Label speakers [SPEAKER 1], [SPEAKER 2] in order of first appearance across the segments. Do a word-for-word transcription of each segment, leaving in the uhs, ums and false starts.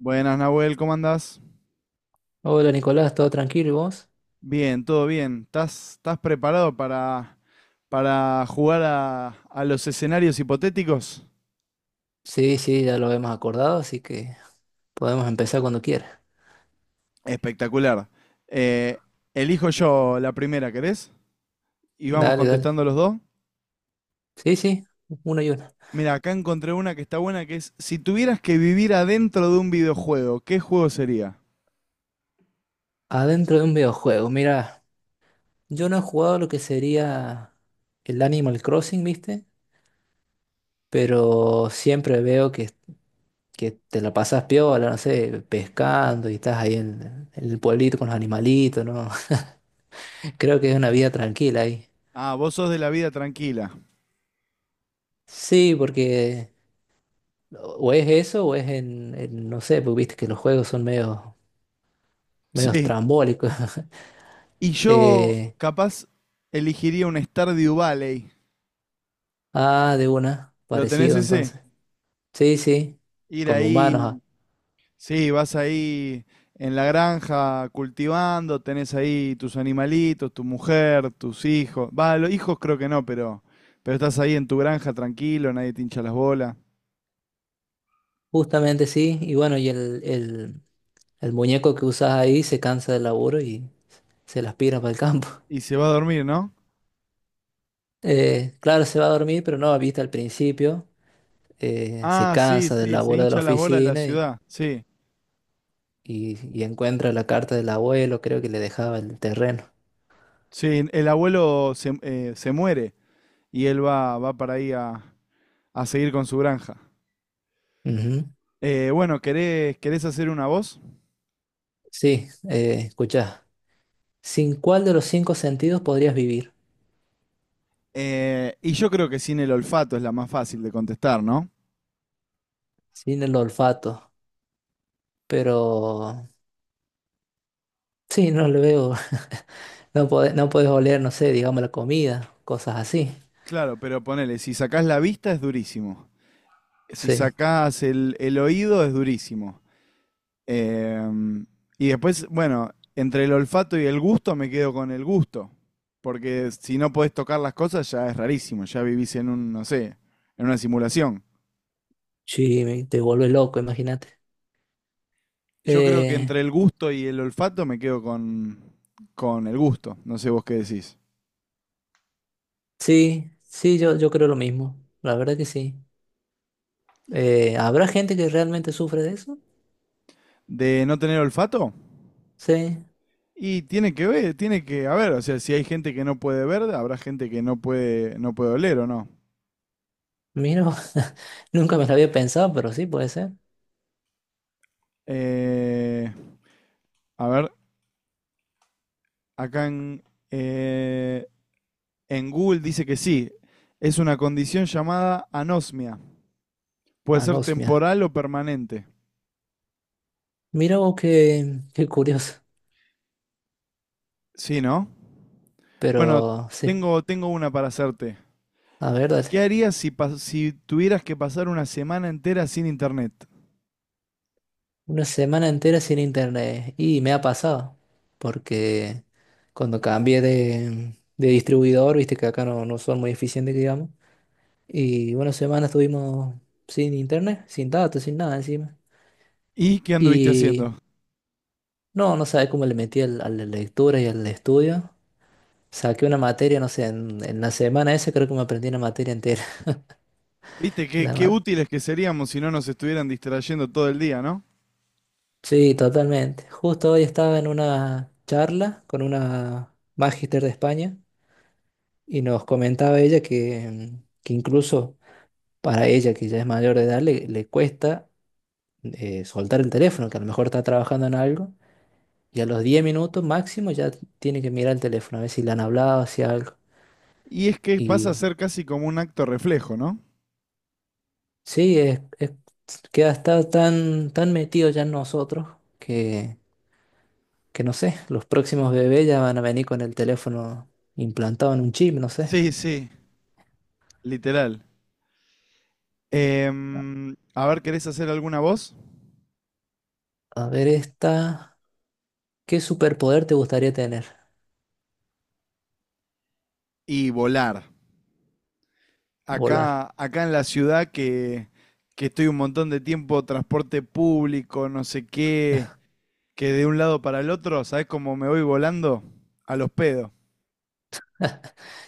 [SPEAKER 1] Buenas, Nahuel, ¿cómo andás?
[SPEAKER 2] Hola Nicolás, ¿todo tranquilo y vos?
[SPEAKER 1] Bien, todo bien. ¿Estás, estás preparado para, para jugar a, a los escenarios hipotéticos?
[SPEAKER 2] Sí, sí, ya lo hemos acordado, así que podemos empezar cuando quieras.
[SPEAKER 1] Espectacular. Eh, elijo yo la primera, ¿querés? Y vamos
[SPEAKER 2] Dale, dale.
[SPEAKER 1] contestando los dos.
[SPEAKER 2] Sí, sí, uno y una.
[SPEAKER 1] Mira, acá encontré una que está buena, que es, si tuvieras que vivir adentro de un videojuego, ¿qué juego sería?
[SPEAKER 2] Adentro de un videojuego, mira, yo no he jugado lo que sería el Animal Crossing, ¿viste? Pero siempre veo que, que te la pasas piola, no sé, pescando y estás ahí en, en el pueblito con los animalitos, ¿no? Creo que es una vida tranquila ahí.
[SPEAKER 1] Ah, vos sos de la vida tranquila.
[SPEAKER 2] Sí, porque o es eso o es en, en- no sé, porque viste que los juegos son medio medio
[SPEAKER 1] Sí.
[SPEAKER 2] estrambólico.
[SPEAKER 1] Y yo,
[SPEAKER 2] Eh,
[SPEAKER 1] capaz, elegiría un Stardew Valley.
[SPEAKER 2] ah, de una,
[SPEAKER 1] ¿Lo tenés
[SPEAKER 2] parecido
[SPEAKER 1] ese?
[SPEAKER 2] entonces. Sí, sí,
[SPEAKER 1] Ir
[SPEAKER 2] con humanos. Ah.
[SPEAKER 1] ahí. Sí, vas ahí en la granja cultivando, tenés ahí tus animalitos, tu mujer, tus hijos. Va, los hijos creo que no, pero, pero estás ahí en tu granja tranquilo, nadie te hincha las bolas.
[SPEAKER 2] Justamente sí. Y bueno, y el, el, el muñeco que usas ahí se cansa del laburo y se las pira para el campo.
[SPEAKER 1] Y se va a dormir, ¿no?
[SPEAKER 2] Eh, claro, se va a dormir, pero no, viste, al principio eh, se
[SPEAKER 1] Ah, sí,
[SPEAKER 2] cansa del
[SPEAKER 1] sí, se
[SPEAKER 2] laburo de la
[SPEAKER 1] hincha las bolas de la
[SPEAKER 2] oficina y,
[SPEAKER 1] ciudad. Sí,
[SPEAKER 2] y- y encuentra la carta del abuelo, creo que le dejaba el terreno.
[SPEAKER 1] sí, el abuelo se, eh, se muere y él va, va para ahí a, a seguir con su granja.
[SPEAKER 2] Ujú.
[SPEAKER 1] Eh, bueno, ¿querés, querés hacer una voz?
[SPEAKER 2] Sí, eh, escuchá. ¿Sin cuál de los cinco sentidos podrías vivir?
[SPEAKER 1] Eh, y yo creo que sin el olfato es la más fácil de contestar, ¿no?
[SPEAKER 2] Sin el olfato, pero sí, no le veo, no puedes, no puedes oler, no sé, digamos la comida, cosas así,
[SPEAKER 1] Claro, pero ponele, si sacás la vista es durísimo. Si
[SPEAKER 2] sí,
[SPEAKER 1] sacás el, el oído es durísimo. Em, y después, bueno, entre el olfato y el gusto me quedo con el gusto. Porque si no podés tocar las cosas ya es rarísimo, ya vivís en un, no sé, en una simulación.
[SPEAKER 2] sí, me- te vuelve loco, imagínate.
[SPEAKER 1] Yo creo que
[SPEAKER 2] Eh,
[SPEAKER 1] entre el gusto y el olfato me quedo con, con el gusto. No sé vos qué decís.
[SPEAKER 2] sí, sí, yo, yo creo lo mismo, la verdad que sí. Eh, ¿habrá gente que realmente sufre de eso?
[SPEAKER 1] ¿De no tener olfato?
[SPEAKER 2] Sí,
[SPEAKER 1] Y tiene que ver, tiene que haber, o sea, si hay gente que no puede ver, habrá gente que no puede, no puede oler o no.
[SPEAKER 2] mira, nunca me lo había pensado, pero sí puede ser,
[SPEAKER 1] Eh, a ver, acá en, eh, en Google dice que sí, es una condición llamada anosmia. Puede ser
[SPEAKER 2] anosmia.
[SPEAKER 1] temporal o permanente.
[SPEAKER 2] Mira vos qué, qué curioso,
[SPEAKER 1] Sí, ¿no? Bueno,
[SPEAKER 2] pero sí,
[SPEAKER 1] tengo, tengo una para hacerte.
[SPEAKER 2] a ver,
[SPEAKER 1] ¿Qué
[SPEAKER 2] dale.
[SPEAKER 1] harías si, pas- si tuvieras que pasar una semana entera sin internet?
[SPEAKER 2] Una semana entera sin internet. Y me ha pasado, porque cuando cambié de, de distribuidor, viste que acá no, no son muy eficientes, que digamos. Y una semana estuvimos sin internet, sin datos, sin nada encima.
[SPEAKER 1] ¿Y qué anduviste
[SPEAKER 2] Y
[SPEAKER 1] haciendo?
[SPEAKER 2] no, no sabes cómo le metí al- a la lectura y al estudio. Saqué una materia, no sé, en, en la semana esa creo que me aprendí una materia entera.
[SPEAKER 1] Viste, qué,
[SPEAKER 2] La
[SPEAKER 1] qué
[SPEAKER 2] ma-
[SPEAKER 1] útiles que seríamos si no nos estuvieran distrayendo todo el día, ¿no?
[SPEAKER 2] sí, totalmente. Justo hoy estaba en una charla con una magister de España. Y nos comentaba ella que, que incluso para ella, que ya es mayor de edad, le, le cuesta eh, soltar el teléfono, que a lo mejor está trabajando en algo, y a los diez minutos máximo ya tiene que mirar el teléfono, a ver si le han hablado, si algo.
[SPEAKER 1] Y es que pasa a
[SPEAKER 2] Y
[SPEAKER 1] ser casi como un acto reflejo, ¿no?
[SPEAKER 2] sí, es, es- queda está tan, tan metido ya en nosotros que, que no sé, los próximos bebés ya van a venir con el teléfono implantado en un chip, no sé.
[SPEAKER 1] Sí, sí. Literal. Em, a ver, ¿querés hacer alguna voz?
[SPEAKER 2] A ver esta, ¿qué superpoder te gustaría tener?
[SPEAKER 1] Y volar.
[SPEAKER 2] Volar.
[SPEAKER 1] Acá, acá en la ciudad que, que estoy un montón de tiempo, transporte público, no sé qué, que de un lado para el otro, ¿sabés cómo me voy volando? A los pedos.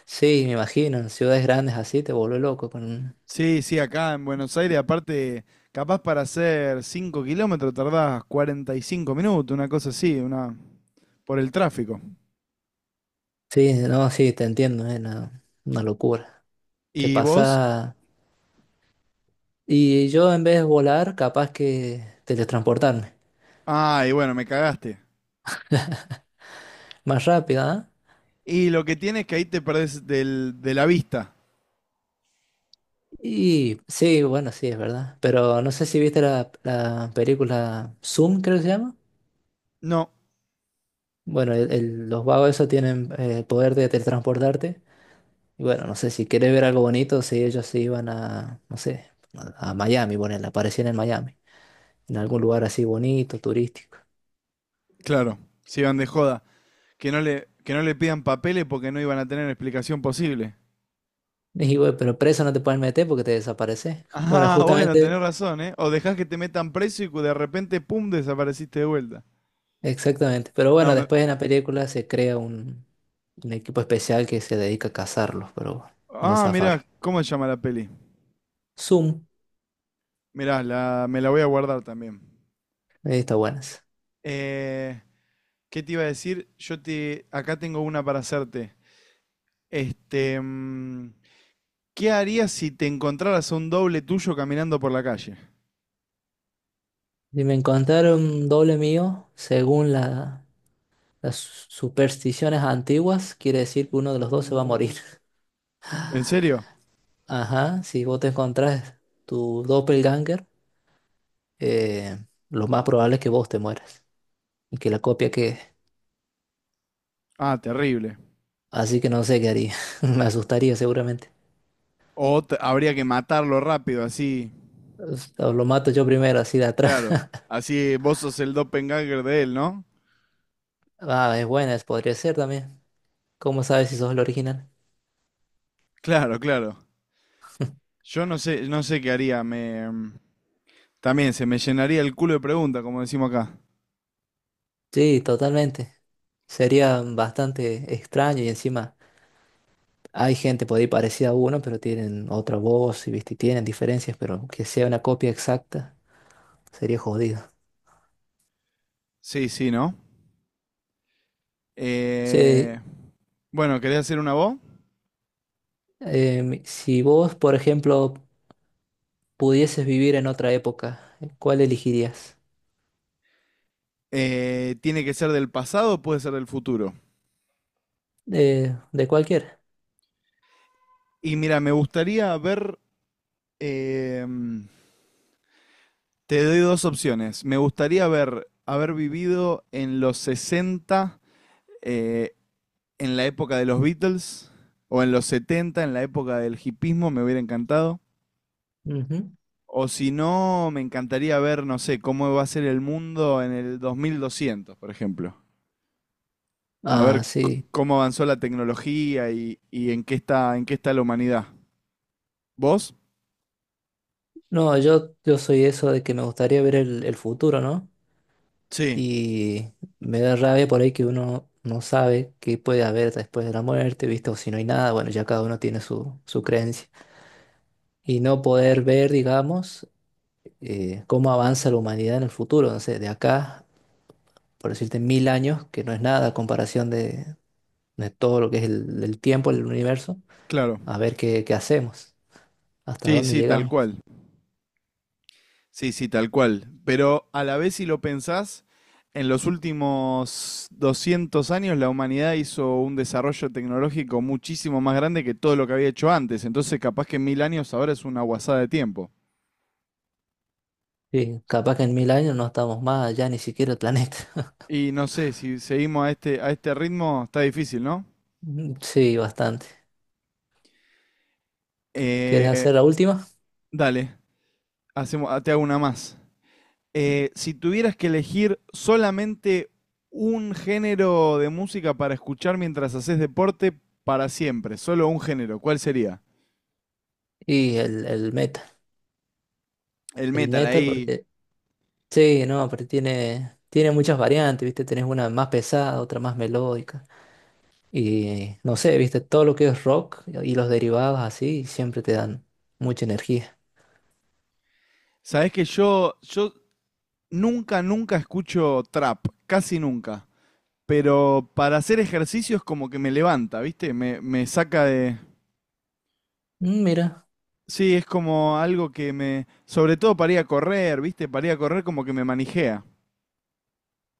[SPEAKER 2] Sí, me imagino, en ciudades grandes así te vuelve loco con...
[SPEAKER 1] Sí, sí, acá en Buenos Aires, aparte, capaz para hacer cinco kilómetros tardás cuarenta y cinco minutos, una cosa así, una, por el tráfico.
[SPEAKER 2] Sí, no, sí, te entiendo, es una, una locura. Te
[SPEAKER 1] ¿Y vos?
[SPEAKER 2] pasa... Y yo en vez de volar, capaz que teletransportarme.
[SPEAKER 1] Ay, bueno, me cagaste.
[SPEAKER 2] Más rápido, ¿ah?
[SPEAKER 1] Y lo que tiene es que ahí te perdés del, de la vista.
[SPEAKER 2] Y sí, bueno, sí, es verdad. Pero no sé si viste la, la película Zoom, creo que se llama.
[SPEAKER 1] No,
[SPEAKER 2] Bueno, el- el- los vagos esos tienen eh, el poder de teletransportarte. Y bueno, no sé si querés ver algo bonito, si ellos se iban a, no sé, a, a Miami, bueno, aparecían en Miami, en algún lugar así bonito, turístico.
[SPEAKER 1] claro, si iban de joda. Que no le, que no le pidan papeles porque no iban a tener explicación posible.
[SPEAKER 2] Y dije, "Güey, pero preso no te pueden meter porque te desapareces". Bueno,
[SPEAKER 1] Ah, bueno, tenés
[SPEAKER 2] justamente,
[SPEAKER 1] razón, ¿eh? O dejás que te metan preso y cu- de repente, pum, desapareciste de vuelta.
[SPEAKER 2] exactamente. Pero
[SPEAKER 1] No,
[SPEAKER 2] bueno,
[SPEAKER 1] me-
[SPEAKER 2] después en la película se crea un, un equipo especial que se dedica a cazarlos, pero bueno, no
[SPEAKER 1] Ah, mirá,
[SPEAKER 2] zafar.
[SPEAKER 1] ¿cómo se llama la peli?
[SPEAKER 2] Zoom,
[SPEAKER 1] Mirá, la... me la voy a guardar también.
[SPEAKER 2] ahí está buenas.
[SPEAKER 1] Eh, ¿Qué te iba a decir? Yo te... Acá tengo una para hacerte. Este... mm, ¿Qué harías si te encontraras a un doble tuyo caminando por la calle?
[SPEAKER 2] Y me encontraron doble mío, según la- las supersticiones antiguas, quiere decir que uno de los dos se va a morir.
[SPEAKER 1] ¿En serio?
[SPEAKER 2] Ajá, si vos te encontrás tu doppelganger, eh, lo más probable es que vos te mueras y que la copia quede.
[SPEAKER 1] Ah, terrible.
[SPEAKER 2] Así que no sé qué haría. Me asustaría seguramente.
[SPEAKER 1] O te- habría que matarlo rápido, así.
[SPEAKER 2] Pues, o lo mato yo primero, así de atrás.
[SPEAKER 1] Claro. Así vos sos el doppelganger de él, ¿no?
[SPEAKER 2] Ah, es buena, es- podría ser también. ¿Cómo sabes si sos el original?
[SPEAKER 1] Claro, claro. Yo no sé, no sé qué haría. Me mm, también se me llenaría el culo de preguntas, como decimos acá.
[SPEAKER 2] Sí, totalmente. Sería bastante extraño y encima hay gente por ahí parecida a uno, pero tienen otra voz y viste, tienen diferencias, pero que sea una copia exacta sería jodido.
[SPEAKER 1] Sí, sí, ¿no?
[SPEAKER 2] Sí,
[SPEAKER 1] Eh, bueno, ¿querés hacer una voz?
[SPEAKER 2] em, si vos, por ejemplo, pudieses vivir en otra época, ¿cuál elegirías?
[SPEAKER 1] Eh, ¿tiene que ser del pasado o puede ser del futuro?
[SPEAKER 2] De, de cualquier.
[SPEAKER 1] Y mira, me gustaría ver em, te doy dos opciones. Me gustaría haber, haber vivido en los sesenta, eh, en la época de los Beatles, o en los setenta, en la época del hipismo, me hubiera encantado.
[SPEAKER 2] Ujú.
[SPEAKER 1] O si no, me encantaría ver, no sé, cómo va a ser el mundo en el dos mil doscientos, por ejemplo. A
[SPEAKER 2] Ah,
[SPEAKER 1] ver
[SPEAKER 2] sí.
[SPEAKER 1] c- cómo avanzó la tecnología y, y en qué está, en qué está la humanidad. ¿Vos?
[SPEAKER 2] No, yo, yo soy eso de que me gustaría ver el, el futuro, ¿no?
[SPEAKER 1] Sí,
[SPEAKER 2] Y me da rabia por ahí que uno no sabe qué puede haber después de la muerte, ¿viste? O si no hay nada, bueno, ya cada uno tiene su, su creencia. Y no poder ver, digamos, eh, cómo avanza la humanidad en el futuro, no sé, de acá, por decirte, mil años, que no es nada a comparación de, de todo lo que es el, el tiempo, el universo,
[SPEAKER 1] claro.
[SPEAKER 2] a ver qué, qué hacemos, hasta
[SPEAKER 1] Sí,
[SPEAKER 2] dónde
[SPEAKER 1] sí, tal
[SPEAKER 2] llegamos.
[SPEAKER 1] cual. Sí, sí, tal cual. Pero a la vez, si lo pensás, en los últimos doscientos años la humanidad hizo un desarrollo tecnológico muchísimo más grande que todo lo que había hecho antes. Entonces, capaz que en mil años ahora es una guasada de tiempo.
[SPEAKER 2] Sí, capaz que en mil años no estamos más allá ni siquiera el planeta.
[SPEAKER 1] Y no sé, si seguimos a este, a este ritmo, está difícil, ¿no?
[SPEAKER 2] Mm, sí, bastante. ¿Quieres
[SPEAKER 1] Eh,
[SPEAKER 2] hacer la última?
[SPEAKER 1] dale, hacemos, ah, te hago una más. Eh, si tuvieras que elegir solamente un género de música para escuchar mientras haces deporte para siempre, solo un género, ¿cuál sería?
[SPEAKER 2] Y el, el metal.
[SPEAKER 1] El
[SPEAKER 2] El
[SPEAKER 1] metal
[SPEAKER 2] metal
[SPEAKER 1] ahí.
[SPEAKER 2] porque... Sí, no, pero tiene, tiene muchas variantes, ¿viste? Tenés una más pesada, otra más melódica. Y no sé, ¿viste? Todo lo que es rock y los derivados así siempre te dan mucha energía.
[SPEAKER 1] Sabés que yo, yo nunca, nunca escucho trap, casi nunca. Pero para hacer ejercicios como que me levanta, ¿viste? Me, me saca de...
[SPEAKER 2] Mm, mira,
[SPEAKER 1] Sí, es como algo que me... Sobre todo para ir a correr, ¿viste? Para ir a correr como que me manijea.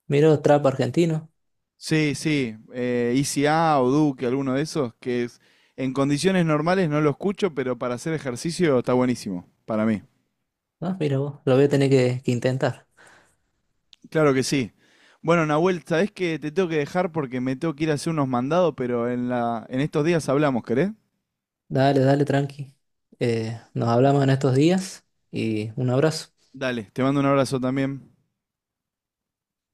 [SPEAKER 2] mira trap argentino.
[SPEAKER 1] Sí, sí. Eh, Easy A o Duke, alguno de esos, que es- en condiciones normales no lo escucho, pero para hacer ejercicio está buenísimo, para mí.
[SPEAKER 2] Ah, mira vos, lo voy a tener que, que intentar.
[SPEAKER 1] Claro que sí. Bueno, Nahuel, sabés que te tengo que dejar porque me tengo que ir a hacer unos mandados, pero en la, en estos días hablamos, ¿querés?
[SPEAKER 2] Dale, dale, tranqui. Eh, nos hablamos en estos días y un abrazo.
[SPEAKER 1] Dale, te mando un abrazo también.